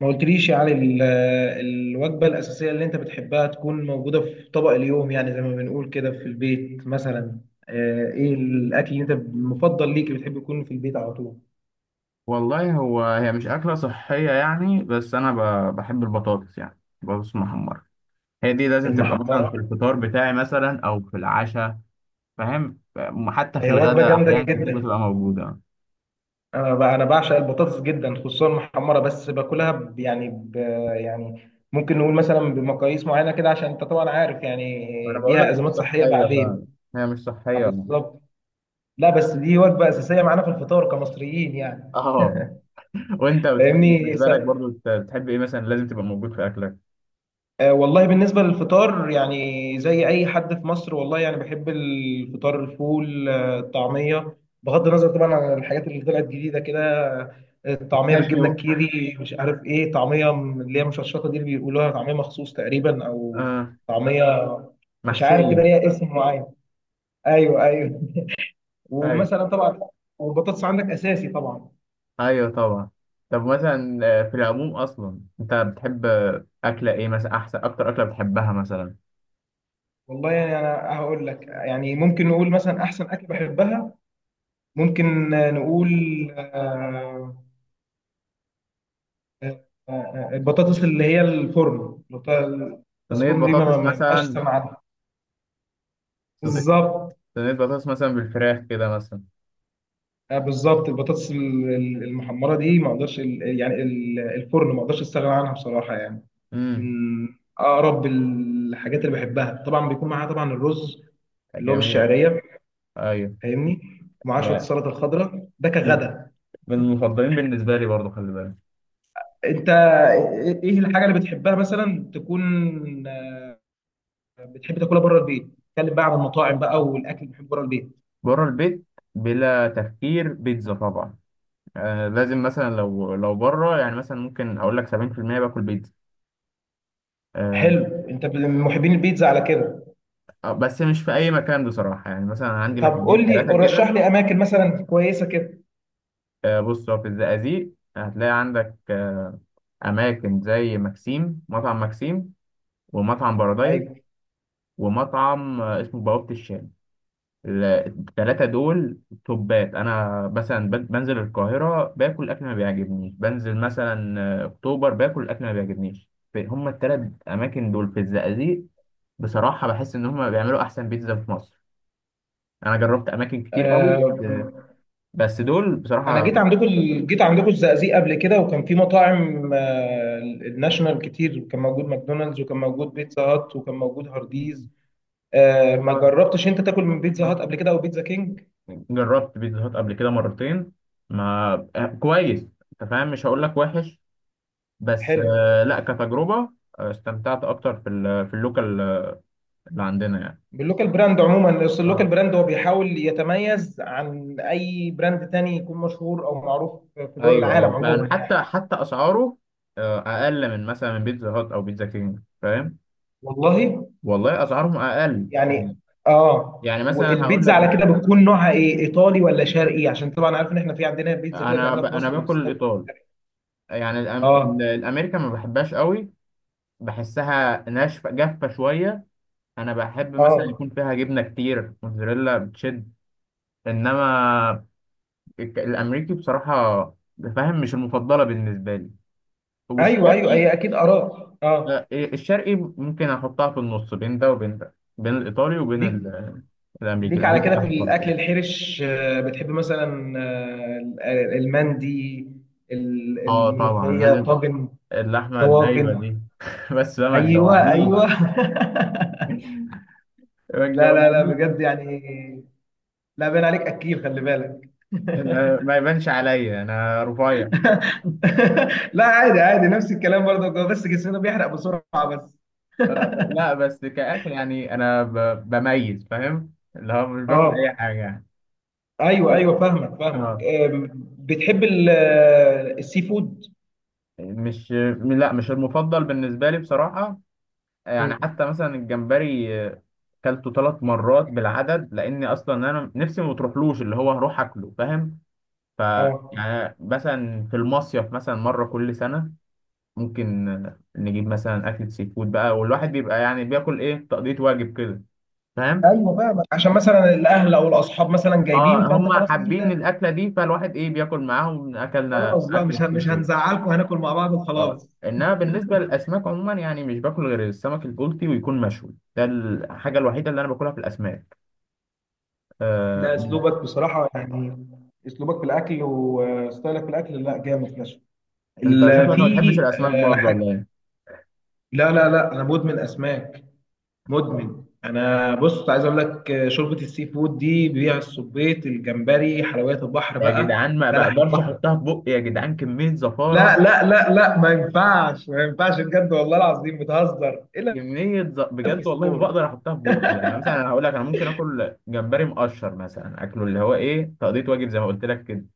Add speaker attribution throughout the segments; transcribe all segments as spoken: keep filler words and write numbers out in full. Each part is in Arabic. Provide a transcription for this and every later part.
Speaker 1: ما قلتليش يعني ال- الوجبة الأساسية اللي أنت بتحبها تكون موجودة في طبق اليوم، يعني زي ما بنقول كده في البيت مثلا. آه، إيه الأكل اللي أنت المفضل ليك اللي بتحب يكون في البيت على طول؟
Speaker 2: والله هو هي مش أكلة صحية يعني، بس أنا ب- بحب البطاطس، يعني بطاطس محمرة. هي دي لازم تبقى مثلا في
Speaker 1: المحمرة.
Speaker 2: الفطار بتاعي مثلا أو في العشاء. فاهم؟ ف- حتى في
Speaker 1: هي وجبة
Speaker 2: الغداء
Speaker 1: جامدة
Speaker 2: أحيان كتير
Speaker 1: جدا.
Speaker 2: بتبقى موجودة.
Speaker 1: أنا ب- أنا بعشق البطاطس جدا، خصوصا المحمرة، بس باكلها ب- يعني ب يعني ممكن نقول مثلا بمقاييس معينة كده، عشان أنت طبعا عارف
Speaker 2: ما أنا
Speaker 1: يعني
Speaker 2: بقول لك
Speaker 1: ليها
Speaker 2: مش
Speaker 1: أزمات صحية
Speaker 2: صحية
Speaker 1: بعدين.
Speaker 2: فعلا، هي مش
Speaker 1: آه،
Speaker 2: صحية يعني.
Speaker 1: بالظبط. لا، بس دي وجبة أساسية معانا في الفطار كمصريين يعني.
Speaker 2: اه. وأنت بتحب،
Speaker 1: فاهمني؟
Speaker 2: بالنسبة لك برضو، بت- بتحب إيه مثلا لازم تبقى موجود في أكلك؟
Speaker 1: آه، والله بالنسبة للفطار يعني زي أي حد في مصر، والله يعني بحب الفطار، الفول، آه، الطعمية، بغض النظر طبعا عن الحاجات اللي طلعت جديدة كده. آه، الطعمية بالجبنة
Speaker 2: بيستاشيو.
Speaker 1: الكيري، مش عارف إيه، طعمية من اللي هي مشطشطة دي اللي بيقولوها طعمية مخصوص تقريبا، أو
Speaker 2: آه،
Speaker 1: طعمية، مش عارف كده
Speaker 2: محشية.
Speaker 1: ليها اسم معين. أيوه، أيوه.
Speaker 2: أيوة.
Speaker 1: ومثلا طبعا. والبطاطس عندك أساسي طبعا.
Speaker 2: ايوه طبعا. طب مثلا، آه، في العموم اصلا انت بتحب، آه، اكله ايه مثلا؟ احسن اكتر اكله بتحبها مثلا؟
Speaker 1: والله يعني أنا هقول لك، يعني ممكن نقول مثلا أحسن أكل بحبها، ممكن آه، نقول آه، آه، آه، البطاطس اللي هي الفرن، البطاطس
Speaker 2: صينيه
Speaker 1: الفرن دي ما ما-
Speaker 2: بطاطس
Speaker 1: ما ينفعش
Speaker 2: مثلا.
Speaker 1: استغنى عنها.
Speaker 2: صد-
Speaker 1: بالظبط.
Speaker 2: صينيه بطاطس مثلا بالفراخ كده مثلا.
Speaker 1: آه، بالظبط، البطاطس ال- ال- المحمره دي ما اقدرش ال- يعني ال- الفرن، ما اقدرش استغنى عنها بصراحه يعني.
Speaker 2: امم.
Speaker 1: من اقرب الحاجات اللي بحبها، طبعا بيكون معاها طبعا الرز اللي هو
Speaker 2: جميل.
Speaker 1: بالشعريه.
Speaker 2: ايوه،
Speaker 1: فاهمني؟ ومعاه شويه
Speaker 2: يا
Speaker 1: السلطه الخضراء، ده كغدا.
Speaker 2: من المفضلين بالنسبه لي برضو، خلي بالك.
Speaker 1: انت ايه إيه الحاجه اللي بتحبها مثلا تكون، آه، بتحب تاكلها بره البيت؟ اتكلم بقى عن المطاعم بقى والاكل اللي بتحبه بره البيت.
Speaker 2: بره البيت، بلا تفكير، بيتزا طبعا. آه لازم. مثلا لو لو بره، يعني مثلا ممكن اقول لك سبعين في المئة باكل بيتزا. آه
Speaker 1: حلو، انت ب- من محبين البيتزا على كده.
Speaker 2: بس مش في اي مكان بصراحه، يعني مثلا عندي
Speaker 1: طب
Speaker 2: مكانين
Speaker 1: قول لي،
Speaker 2: ثلاثه
Speaker 1: رشح
Speaker 2: كده.
Speaker 1: لي اماكن مثلا كويسه كده.
Speaker 2: آه، بص، هو في الزقازيق هتلاقي عندك، آه، أماكن زي مكسيم، مطعم مكسيم، ومطعم بارادايس،
Speaker 1: ايوه.
Speaker 2: ومطعم آه، اسمه بوابة الشام. ال- التلاتة دول توبات. أنا مثلا بن- بنزل القاهرة باكل أكل ما بيعجبنيش، بنزل مثلا آه، أكتوبر باكل أكل ما بيعجبنيش، ف- هما التلات أماكن دول في الزقازيق بصراحة، بحس إن هما بيعملوا أحسن بيتزا في مصر. أنا جربت أماكن كتير قوي
Speaker 1: آه،
Speaker 2: بس بس دول
Speaker 1: انا
Speaker 2: بصراحة.
Speaker 1: جيت عندكم ال- جيت عندكم الزقازيق قبل كده، وكان في مطاعم آه الناشونال كتير، وكان موجود ماكدونالدز، وكان موجود بيتزا هات، وكان موجود هارديز. آه، ما
Speaker 2: آه،
Speaker 1: جربتش انت تاكل من بيتزا هات قبل كده او بيتزا كينج؟
Speaker 2: جربت بيتزا هات قبل كده مرتين. ما آه، كويس، انت فاهم، مش هقول لك وحش، بس
Speaker 1: حلو.
Speaker 2: آه، لا، كتجربة آه، استمتعت اكتر في ال- في اللوكال، آه، اللي عندنا يعني.
Speaker 1: باللوكال براند عموما، اصل اللوكال
Speaker 2: اه.
Speaker 1: براند هو بيحاول يتميز عن اي براند تاني يكون مشهور او معروف في دول
Speaker 2: ايوه
Speaker 1: العالم
Speaker 2: ايوه
Speaker 1: عموما
Speaker 2: فعلا، حتى
Speaker 1: يعني.
Speaker 2: حتى اسعاره آه، اقل من مثلا من بيتزا هات او بيتزا كينج، فاهم؟
Speaker 1: والله
Speaker 2: والله اسعارهم اقل،
Speaker 1: يعني. اه.
Speaker 2: يعني مثلا هقول
Speaker 1: والبيتزا
Speaker 2: لك،
Speaker 1: على كده بتكون نوعها ايه، ايطالي ولا شرقي؟ عشان طبعا عارف ان احنا في عندنا بيتزا كده
Speaker 2: انا ب...
Speaker 1: بنعملها في
Speaker 2: انا
Speaker 1: مصر اللي
Speaker 2: باكل
Speaker 1: اسمها بيتزا
Speaker 2: الايطال
Speaker 1: شرقي.
Speaker 2: يعني الأم... ال-
Speaker 1: اه،
Speaker 2: الامريكا ما بحبهاش قوي. بحسها ناشفه جافه شويه. انا بحب مثلا
Speaker 1: اه.
Speaker 2: يكون فيها جبنه كتير، موتزاريلا بتشد، انما الك- الامريكي بصراحه، فاهم، مش المفضله بالنسبه لي.
Speaker 1: ايوه، ايوه،
Speaker 2: والشرقي،
Speaker 1: هي اكيد اراء.
Speaker 2: لا
Speaker 1: اه.
Speaker 2: إيه، الشرقي ممكن احطها في النص، بين ده وبين ده، بين الايطالي وبين
Speaker 1: ليك.
Speaker 2: ال- الامريكي.
Speaker 1: ليك على
Speaker 2: الامريكي
Speaker 1: كده في
Speaker 2: تحت خالص.
Speaker 1: الاكل الحرش، آه، بتحب مثلا آه، المندي، ال-
Speaker 2: اه طبعا
Speaker 1: الملوخيه،
Speaker 2: لازم،
Speaker 1: طاجن.
Speaker 2: اللحمه الدايبه
Speaker 1: الطواجن.
Speaker 2: دي بس بقى ما
Speaker 1: ايوه، ايوه.
Speaker 2: تجوعنيش. ما
Speaker 1: لا، لا، لا،
Speaker 2: تجوعنيش بقى.
Speaker 1: بجد يعني. لا، باين عليك اكيل، خلي بالك.
Speaker 2: ما ما يبانش عليا، انا رفيع.
Speaker 1: لا، عادي، عادي، نفس الكلام برضه، هو بس جسمنا بيحرق بسرعة بس.
Speaker 2: آه، لا، بس كأكل يعني أنا ب- بميز فاهم، اللي هو مش باكل أي
Speaker 1: اه.
Speaker 2: حاجة يعني.
Speaker 1: ايوه،
Speaker 2: بس.
Speaker 1: ايوه، فاهمك، فاهمك.
Speaker 2: اه.
Speaker 1: آه، بتحب ال- آه، السي فود.
Speaker 2: مش م- لا، مش المفضل بالنسبة لي بصراحة. يعني
Speaker 1: مم.
Speaker 2: حتى مثلا الجمبري، آه، كلته ثلاث مرات بالعدد، لأني أصلا أنا نفسي ما بتروحلوش، اللي هو هروح أكله، فاهم؟ ف
Speaker 1: اه.
Speaker 2: يعني مثلا في المصيف، مثلا مرة كل سنة، ممكن آه، نجيب مثلا أكلة سي فود بقى، والواحد بيبقى يعني بياكل، إيه، تقضية واجب كده، فاهم؟
Speaker 1: ايوه، فاهمك، عشان مثلا الاهل او الاصحاب مثلا جايبين،
Speaker 2: اه،
Speaker 1: فانت
Speaker 2: هم
Speaker 1: خلاص لازم
Speaker 2: حابين
Speaker 1: تاكل.
Speaker 2: الاكله دي، فالواحد، ايه، بياكل معاهم. اكلنا
Speaker 1: خلاص بقى،
Speaker 2: اكل
Speaker 1: مش هن-
Speaker 2: السي
Speaker 1: مش
Speaker 2: فود.
Speaker 1: هنزعلكم، هناكل مع بعض
Speaker 2: اه،
Speaker 1: وخلاص.
Speaker 2: انما بالنسبه للاسماك عموما يعني، مش باكل غير السمك البلطي، ويكون مشوي. ده الحاجه الوحيده اللي انا باكلها في الاسماك.
Speaker 1: لا،
Speaker 2: آه.
Speaker 1: اسلوبك بصراحه يعني، اسلوبك في الاكل وستايلك في الاكل، لا جامد فشخ.
Speaker 2: انت شكلك
Speaker 1: ال-
Speaker 2: ما بتحبش
Speaker 1: في
Speaker 2: الاسماك
Speaker 1: آه،
Speaker 2: برضه ولا
Speaker 1: حاجه.
Speaker 2: ايه؟
Speaker 1: لا، لا، لا، انا مدمن اسماك. مدمن، انا بص عايز اقول لك آه، شوربه السي فود دي بيها الصبيط، الجمبري، حلويات البحر
Speaker 2: يا
Speaker 1: بقى،
Speaker 2: جدعان ما
Speaker 1: بلح
Speaker 2: بقدرش
Speaker 1: البحر.
Speaker 2: احطها في بقي، يا جدعان كميه
Speaker 1: لا،
Speaker 2: زفاره.
Speaker 1: لا، لا، لا، ما ينفعش، ما ينفعش بجد، والله العظيم بتهزر الا.
Speaker 2: كميه ز... بجد والله ما
Speaker 1: الفسفور.
Speaker 2: بقدر احطها في بقي. يعني مثلا انا هقول لك، انا ممكن اكل جمبري مقشر مثلا، اكله اللي هو، ايه، تقضيه واجب زي ما قلت لك كده.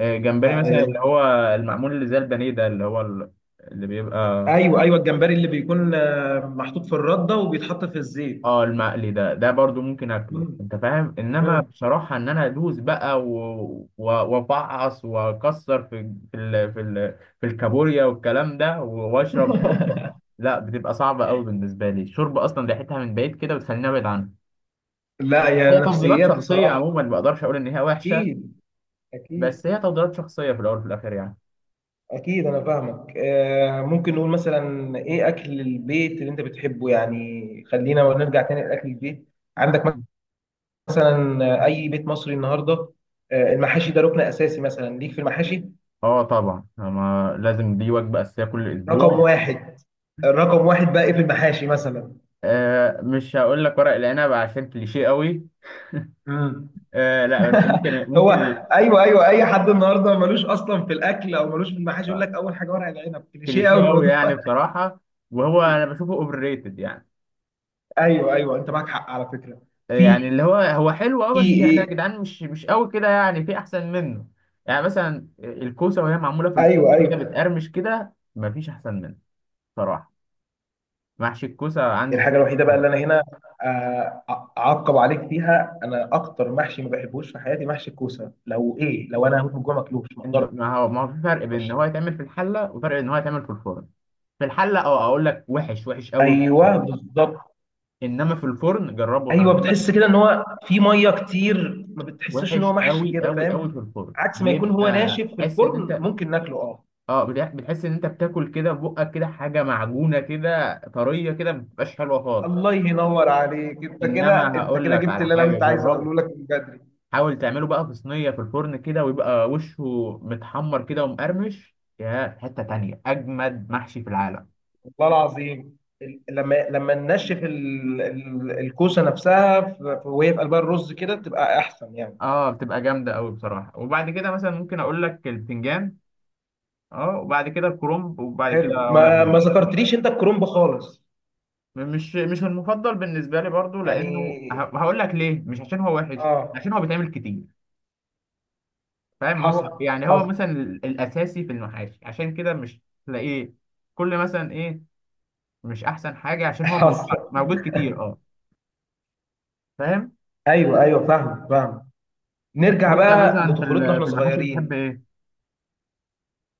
Speaker 2: آه، جمبري
Speaker 1: لا
Speaker 2: مثلا اللي
Speaker 1: يعني.
Speaker 2: هو المعمول، اللي زي البانيه ده، اللي هو ال- اللي بيبقى،
Speaker 1: ايوه، ايوه، الجمبري اللي بيكون آه، محطوط في الرده وبيتحط في الزيت.
Speaker 2: اه، المقلي ده ده برضو ممكن اكله،
Speaker 1: مم.
Speaker 2: انت فاهم. انما
Speaker 1: مم.
Speaker 2: بصراحة ان انا ادوس بقى و- و- وافعص واكسر في في ال... في ال... في الكابوريا والكلام ده، و- واشرب شوربة، لا، بتبقى صعبة قوي بالنسبة لي. الشوربة اصلا ريحتها من بعيد كده بتخليني ابعد عنها.
Speaker 1: لا،
Speaker 2: هي
Speaker 1: يا
Speaker 2: تفضيلات
Speaker 1: نفسيات
Speaker 2: شخصية
Speaker 1: بصراحه.
Speaker 2: عموما، ما اقدرش اقول ان هي وحشة،
Speaker 1: اكيد، اكيد.
Speaker 2: بس هي تفضيلات شخصية في الاول وفي الاخر يعني.
Speaker 1: أكيد أنا فاهمك، آه، ممكن نقول مثلا إيه أكل البيت اللي أنت بتحبه، يعني خلينا نرجع تاني لأكل البيت عندك مثلا، آه، أي بيت مصري النهاردة، آه، المحاشي ده ركن أساسي مثلا ليك في المحاشي.
Speaker 2: اه طبعا، ما لازم، دي وجبة اساسية كل اسبوع.
Speaker 1: رقم واحد. رقم واحد بقى إيه في المحاشي مثلا؟
Speaker 2: آه مش هقول لك ورق العنب عشان كليشيه قوي.
Speaker 1: مم.
Speaker 2: آه لا بس ممكن
Speaker 1: هو
Speaker 2: ممكن
Speaker 1: أيوه، أيوه، أي حد النهاردة ملوش أصلا في الأكل أو ملوش في المحاشي يقول
Speaker 2: آه،
Speaker 1: لك أول حاجة ورق العنب، كليشيه
Speaker 2: كليشيه
Speaker 1: أوي
Speaker 2: قوي
Speaker 1: الموضوع.
Speaker 2: يعني بصراحه، وهو انا بشوفه اوفر ريتد يعني.
Speaker 1: ايوه، ايوه، انت معاك حق على فكره.
Speaker 2: آه،
Speaker 1: في
Speaker 2: يعني اللي هو هو حلو اه، بس يعني
Speaker 1: في-
Speaker 2: يا جدعان مش مش قوي كده، يعني في احسن منه. يعني مثلا الكوسه، وهي معموله في الفرن
Speaker 1: ايوه،
Speaker 2: كده
Speaker 1: ايوه،
Speaker 2: بتقرمش كده، مفيش احسن منه بصراحه. محشي الكوسه عندي
Speaker 1: الحاجه
Speaker 2: فوق
Speaker 1: الوحيده بقى
Speaker 2: القمر.
Speaker 1: اللي انا هنا آه، اعقب عليك فيها، انا اكتر محشي ما بحبوش في حياتي محشي الكوسه، لو ايه لو انا هموت من الجوع ماكلوش ما
Speaker 2: انت، ما هو ما هو في فرق بين ان
Speaker 1: اقدرش.
Speaker 2: هو يتعمل في الحله وفرق ان هو يتعمل في الفرن. في الحله، اه، اقول لك وحش، وحش قوي.
Speaker 1: ايوه بالظبط.
Speaker 2: انما في الفرن جربه، انا
Speaker 1: ايوه،
Speaker 2: بقول.
Speaker 1: بتحس كده ان هو في ميه كتير، ما بتحسش ان
Speaker 2: وحش
Speaker 1: هو محشي
Speaker 2: قوي
Speaker 1: كده،
Speaker 2: قوي قوي.
Speaker 1: فاهم؟
Speaker 2: في الفرن
Speaker 1: عكس ما يكون هو
Speaker 2: بيبقى
Speaker 1: ناشف في
Speaker 2: تحس ان
Speaker 1: الفرن
Speaker 2: انت،
Speaker 1: ممكن ناكله، اه.
Speaker 2: اه، بتح- بتحس ان انت بتاكل كده بقك كده حاجه معجونه كده، طريه كده، ما بتبقاش حلوه خالص.
Speaker 1: الله ينور عليك، انت كده
Speaker 2: انما
Speaker 1: انت
Speaker 2: هقول
Speaker 1: كده
Speaker 2: لك
Speaker 1: جبت
Speaker 2: على
Speaker 1: اللي انا
Speaker 2: حاجه،
Speaker 1: كنت عايز
Speaker 2: جربه.
Speaker 1: اقوله لك من بدري.
Speaker 2: حاول تعمله بقى في صينيه في الفرن كده، ويبقى وشه متحمر كده ومقرمش، يا في حته تانية، اجمد محشي في العالم.
Speaker 1: والله العظيم ال- لما لما ننشف ال- ال- الكوسه نفسها ف- ف- وهي في قلبها الرز كده تبقى احسن يعني.
Speaker 2: اه، بتبقى جامده قوي بصراحه. وبعد كده مثلا ممكن اقول لك البتنجان. اه، وبعد كده الكرنب، وبعد
Speaker 1: حلو،
Speaker 2: كده ورق
Speaker 1: ما ما
Speaker 2: العنب.
Speaker 1: ذكرتليش انت الكرنب خالص.
Speaker 2: مش مش المفضل بالنسبه لي برضو،
Speaker 1: يعني.
Speaker 2: لانه، ه- هقول لك ليه، مش عشان هو وحش، عشان هو
Speaker 1: اه.
Speaker 2: بيتعمل كتير، فاهم. هو
Speaker 1: حصل.
Speaker 2: يعني هو
Speaker 1: حصل.
Speaker 2: مثلا ال- الاساسي في المحاشي، عشان كده مش تلاقيه كل مثلا، ايه، مش احسن حاجه عشان هو موجود،
Speaker 1: حصل.
Speaker 2: موجود كتير، اه، فاهم.
Speaker 1: ايوه، ايوه، فاهم، فاهم. نرجع
Speaker 2: وانت
Speaker 1: بقى
Speaker 2: مثلا في
Speaker 1: لطفولتنا
Speaker 2: ال-
Speaker 1: واحنا
Speaker 2: في المحاشي بتحب
Speaker 1: صغيرين.
Speaker 2: ايه؟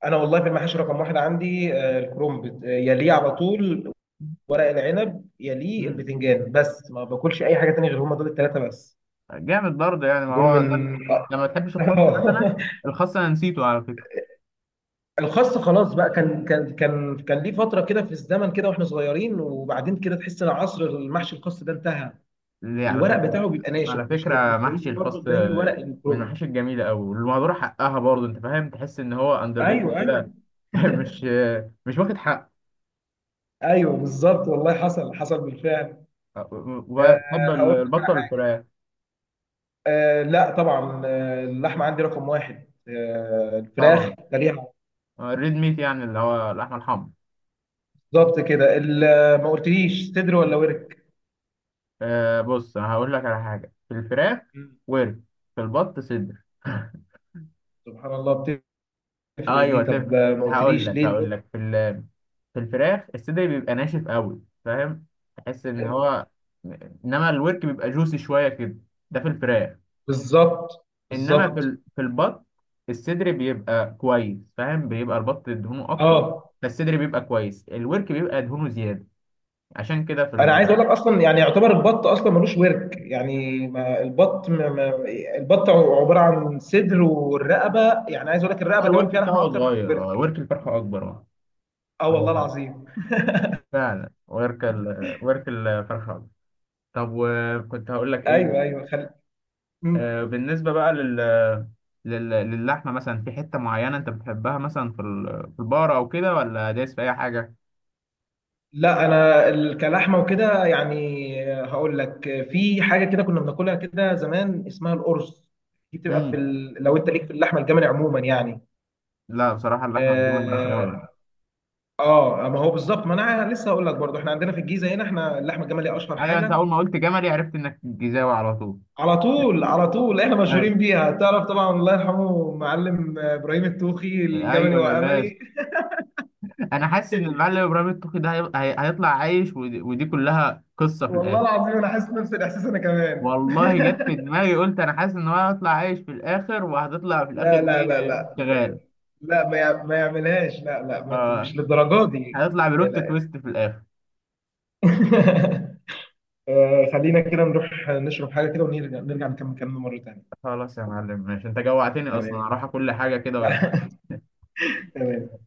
Speaker 1: انا والله في المحاشي رقم واحد عندي آه، الكرنب، آه، يليه على طول ورق العنب، يليه
Speaker 2: مم.
Speaker 1: البتنجان، بس ما باكلش اي حاجه تانية غير هما دول الثلاثه بس.
Speaker 2: جامد برضه يعني، ما
Speaker 1: دول
Speaker 2: هو ده ال-
Speaker 1: من
Speaker 2: لما تحبش
Speaker 1: آه.
Speaker 2: الخس مثلا؟ الخس انا نسيته على فكره.
Speaker 1: الخاص خلاص بقى، كان كان كان كان ليه فتره كده في الزمن كده واحنا صغيرين، وبعدين كده تحس ان عصر المحشي الخاص ده انتهى.
Speaker 2: ليه؟ على
Speaker 1: الورق
Speaker 2: فكرة
Speaker 1: بتاعه بيبقى ناشف،
Speaker 2: على
Speaker 1: مش هي... مش
Speaker 2: فكرة محشي
Speaker 1: هيجي برضه
Speaker 2: الخاص
Speaker 1: زي ورق
Speaker 2: من
Speaker 1: الكروم.
Speaker 2: المحاشي الجميلة أوي والمهدورة حقها برضه، أنت فاهم، تحس إن هو أندر
Speaker 1: ايوه،
Speaker 2: ريتد
Speaker 1: ايوه.
Speaker 2: كده. مش مش واخد حق.
Speaker 1: ايوه بالظبط، والله حصل، حصل بالفعل. أه،
Speaker 2: وبحب
Speaker 1: هقول لك.
Speaker 2: البطة والفراخ
Speaker 1: أه، لا طبعا، آه، اللحمه عندي رقم واحد، أه الفراخ
Speaker 2: طبعا.
Speaker 1: تاريخ.
Speaker 2: الريد ميت، يعني اللي هو اللحمة الحمرا.
Speaker 1: بالظبط كده، ال- ما قلتليش صدر ولا ورك.
Speaker 2: أه بص، أنا هقول لك على حاجة. في الفراخ
Speaker 1: مم.
Speaker 2: ورك، في البط صدر.
Speaker 1: سبحان الله. بتفرق دي،
Speaker 2: ايوه
Speaker 1: طب
Speaker 2: تفرق.
Speaker 1: آه، ما
Speaker 2: هقول
Speaker 1: قلتليش
Speaker 2: لك
Speaker 1: ليه
Speaker 2: هقول
Speaker 1: البط-
Speaker 2: لك في ال... في الفراخ الصدر بيبقى ناشف قوي، فاهم، تحس ان هو، انما الورك بيبقى جوسي شويه كده. ده في الفراخ.
Speaker 1: بالظبط،
Speaker 2: انما في
Speaker 1: بالظبط.
Speaker 2: ال... في البط الصدر بيبقى كويس، فاهم، بيبقى البط دهونه اكتر،
Speaker 1: اه،
Speaker 2: فالصدر بيبقى كويس، الورك بيبقى دهونه زياده. عشان كده في
Speaker 1: انا عايز
Speaker 2: ال...
Speaker 1: اقول لك اصلا، يعني يعتبر البط اصلا ملوش ورك، يعني ما البط ما ما البط عباره عن صدر والرقبه، يعني عايز اقول لك
Speaker 2: هو
Speaker 1: الرقبه كمان
Speaker 2: الورك
Speaker 1: فيها لحمه
Speaker 2: بتاعه
Speaker 1: اكتر من
Speaker 2: صغير، اه،
Speaker 1: الورك.
Speaker 2: ورك الفرخه اكبر، اه،
Speaker 1: اه،
Speaker 2: هو
Speaker 1: والله
Speaker 2: فعلا،
Speaker 1: العظيم.
Speaker 2: فعلا، ورك ال... ورك الفرخه اكبر. طب، وكنت هقول لك
Speaker 1: ايوه،
Speaker 2: ايه؟
Speaker 1: ايوه خل...
Speaker 2: آه،
Speaker 1: مم.
Speaker 2: بالنسبة بقى لل... لل... للحمة، مثلا في حتة معينة أنت بتحبها مثلا في ال... في البقرة أو كده، ولا دايس في أي حاجة؟
Speaker 1: لا، انا ال- كلحمه وكده يعني، هقول لك. في حاجه كده كنا بناكلها كده زمان اسمها القرص، دي بتبقى في
Speaker 2: مم.
Speaker 1: ال... لو انت ليك في اللحمه الجملي عموما يعني.
Speaker 2: لا، بصراحة اللحمة الجملي مش أوي يعني.
Speaker 1: اه. آه، ما هو بالظبط، ما انا لسه هقول لك برضو احنا عندنا في الجيزه هنا، احنا اللحمه الجملي اشهر
Speaker 2: أيوه، أنت
Speaker 1: حاجه.
Speaker 2: أول ما قلت جملي عرفت إنك جيزاوي على طول.
Speaker 1: على طول، على طول احنا
Speaker 2: أيوه
Speaker 1: مشهورين بيها، تعرف طبعا الله يرحمه معلم ابراهيم التوخي، الجملي
Speaker 2: أيوه يا باشا.
Speaker 1: واملي.
Speaker 2: أنا حاسس إن المعلم إبراهيم الطوخي ده هي... هي... هيطلع عايش، ودي... ودي كلها قصة في
Speaker 1: والله
Speaker 2: الآخر.
Speaker 1: العظيم انا حاسس نفس الاحساس انا كمان.
Speaker 2: والله جت في دماغي، قلت أنا حاسس إن هو هيطلع عايش في الآخر، وهتطلع في الآخر
Speaker 1: لا،
Speaker 2: دي
Speaker 1: لا، لا، لا، لا.
Speaker 2: شغال.
Speaker 1: لا، ما يع- ما يعملهاش، لا، لا، ما ت-
Speaker 2: آه
Speaker 1: مش للدرجه دي.
Speaker 2: هيطلع
Speaker 1: لا،
Speaker 2: بلوت
Speaker 1: لا.
Speaker 2: تويست في الآخر.
Speaker 1: آه، خلينا كده نروح نشرب حاجه كده، ونرجع نرجع نكمل كلامنا مره تانيه.
Speaker 2: خلاص يا معلم، ماشي، انت جوعتني
Speaker 1: تمام.
Speaker 2: اصلا، هروح اكل حاجه كده.
Speaker 1: تمام.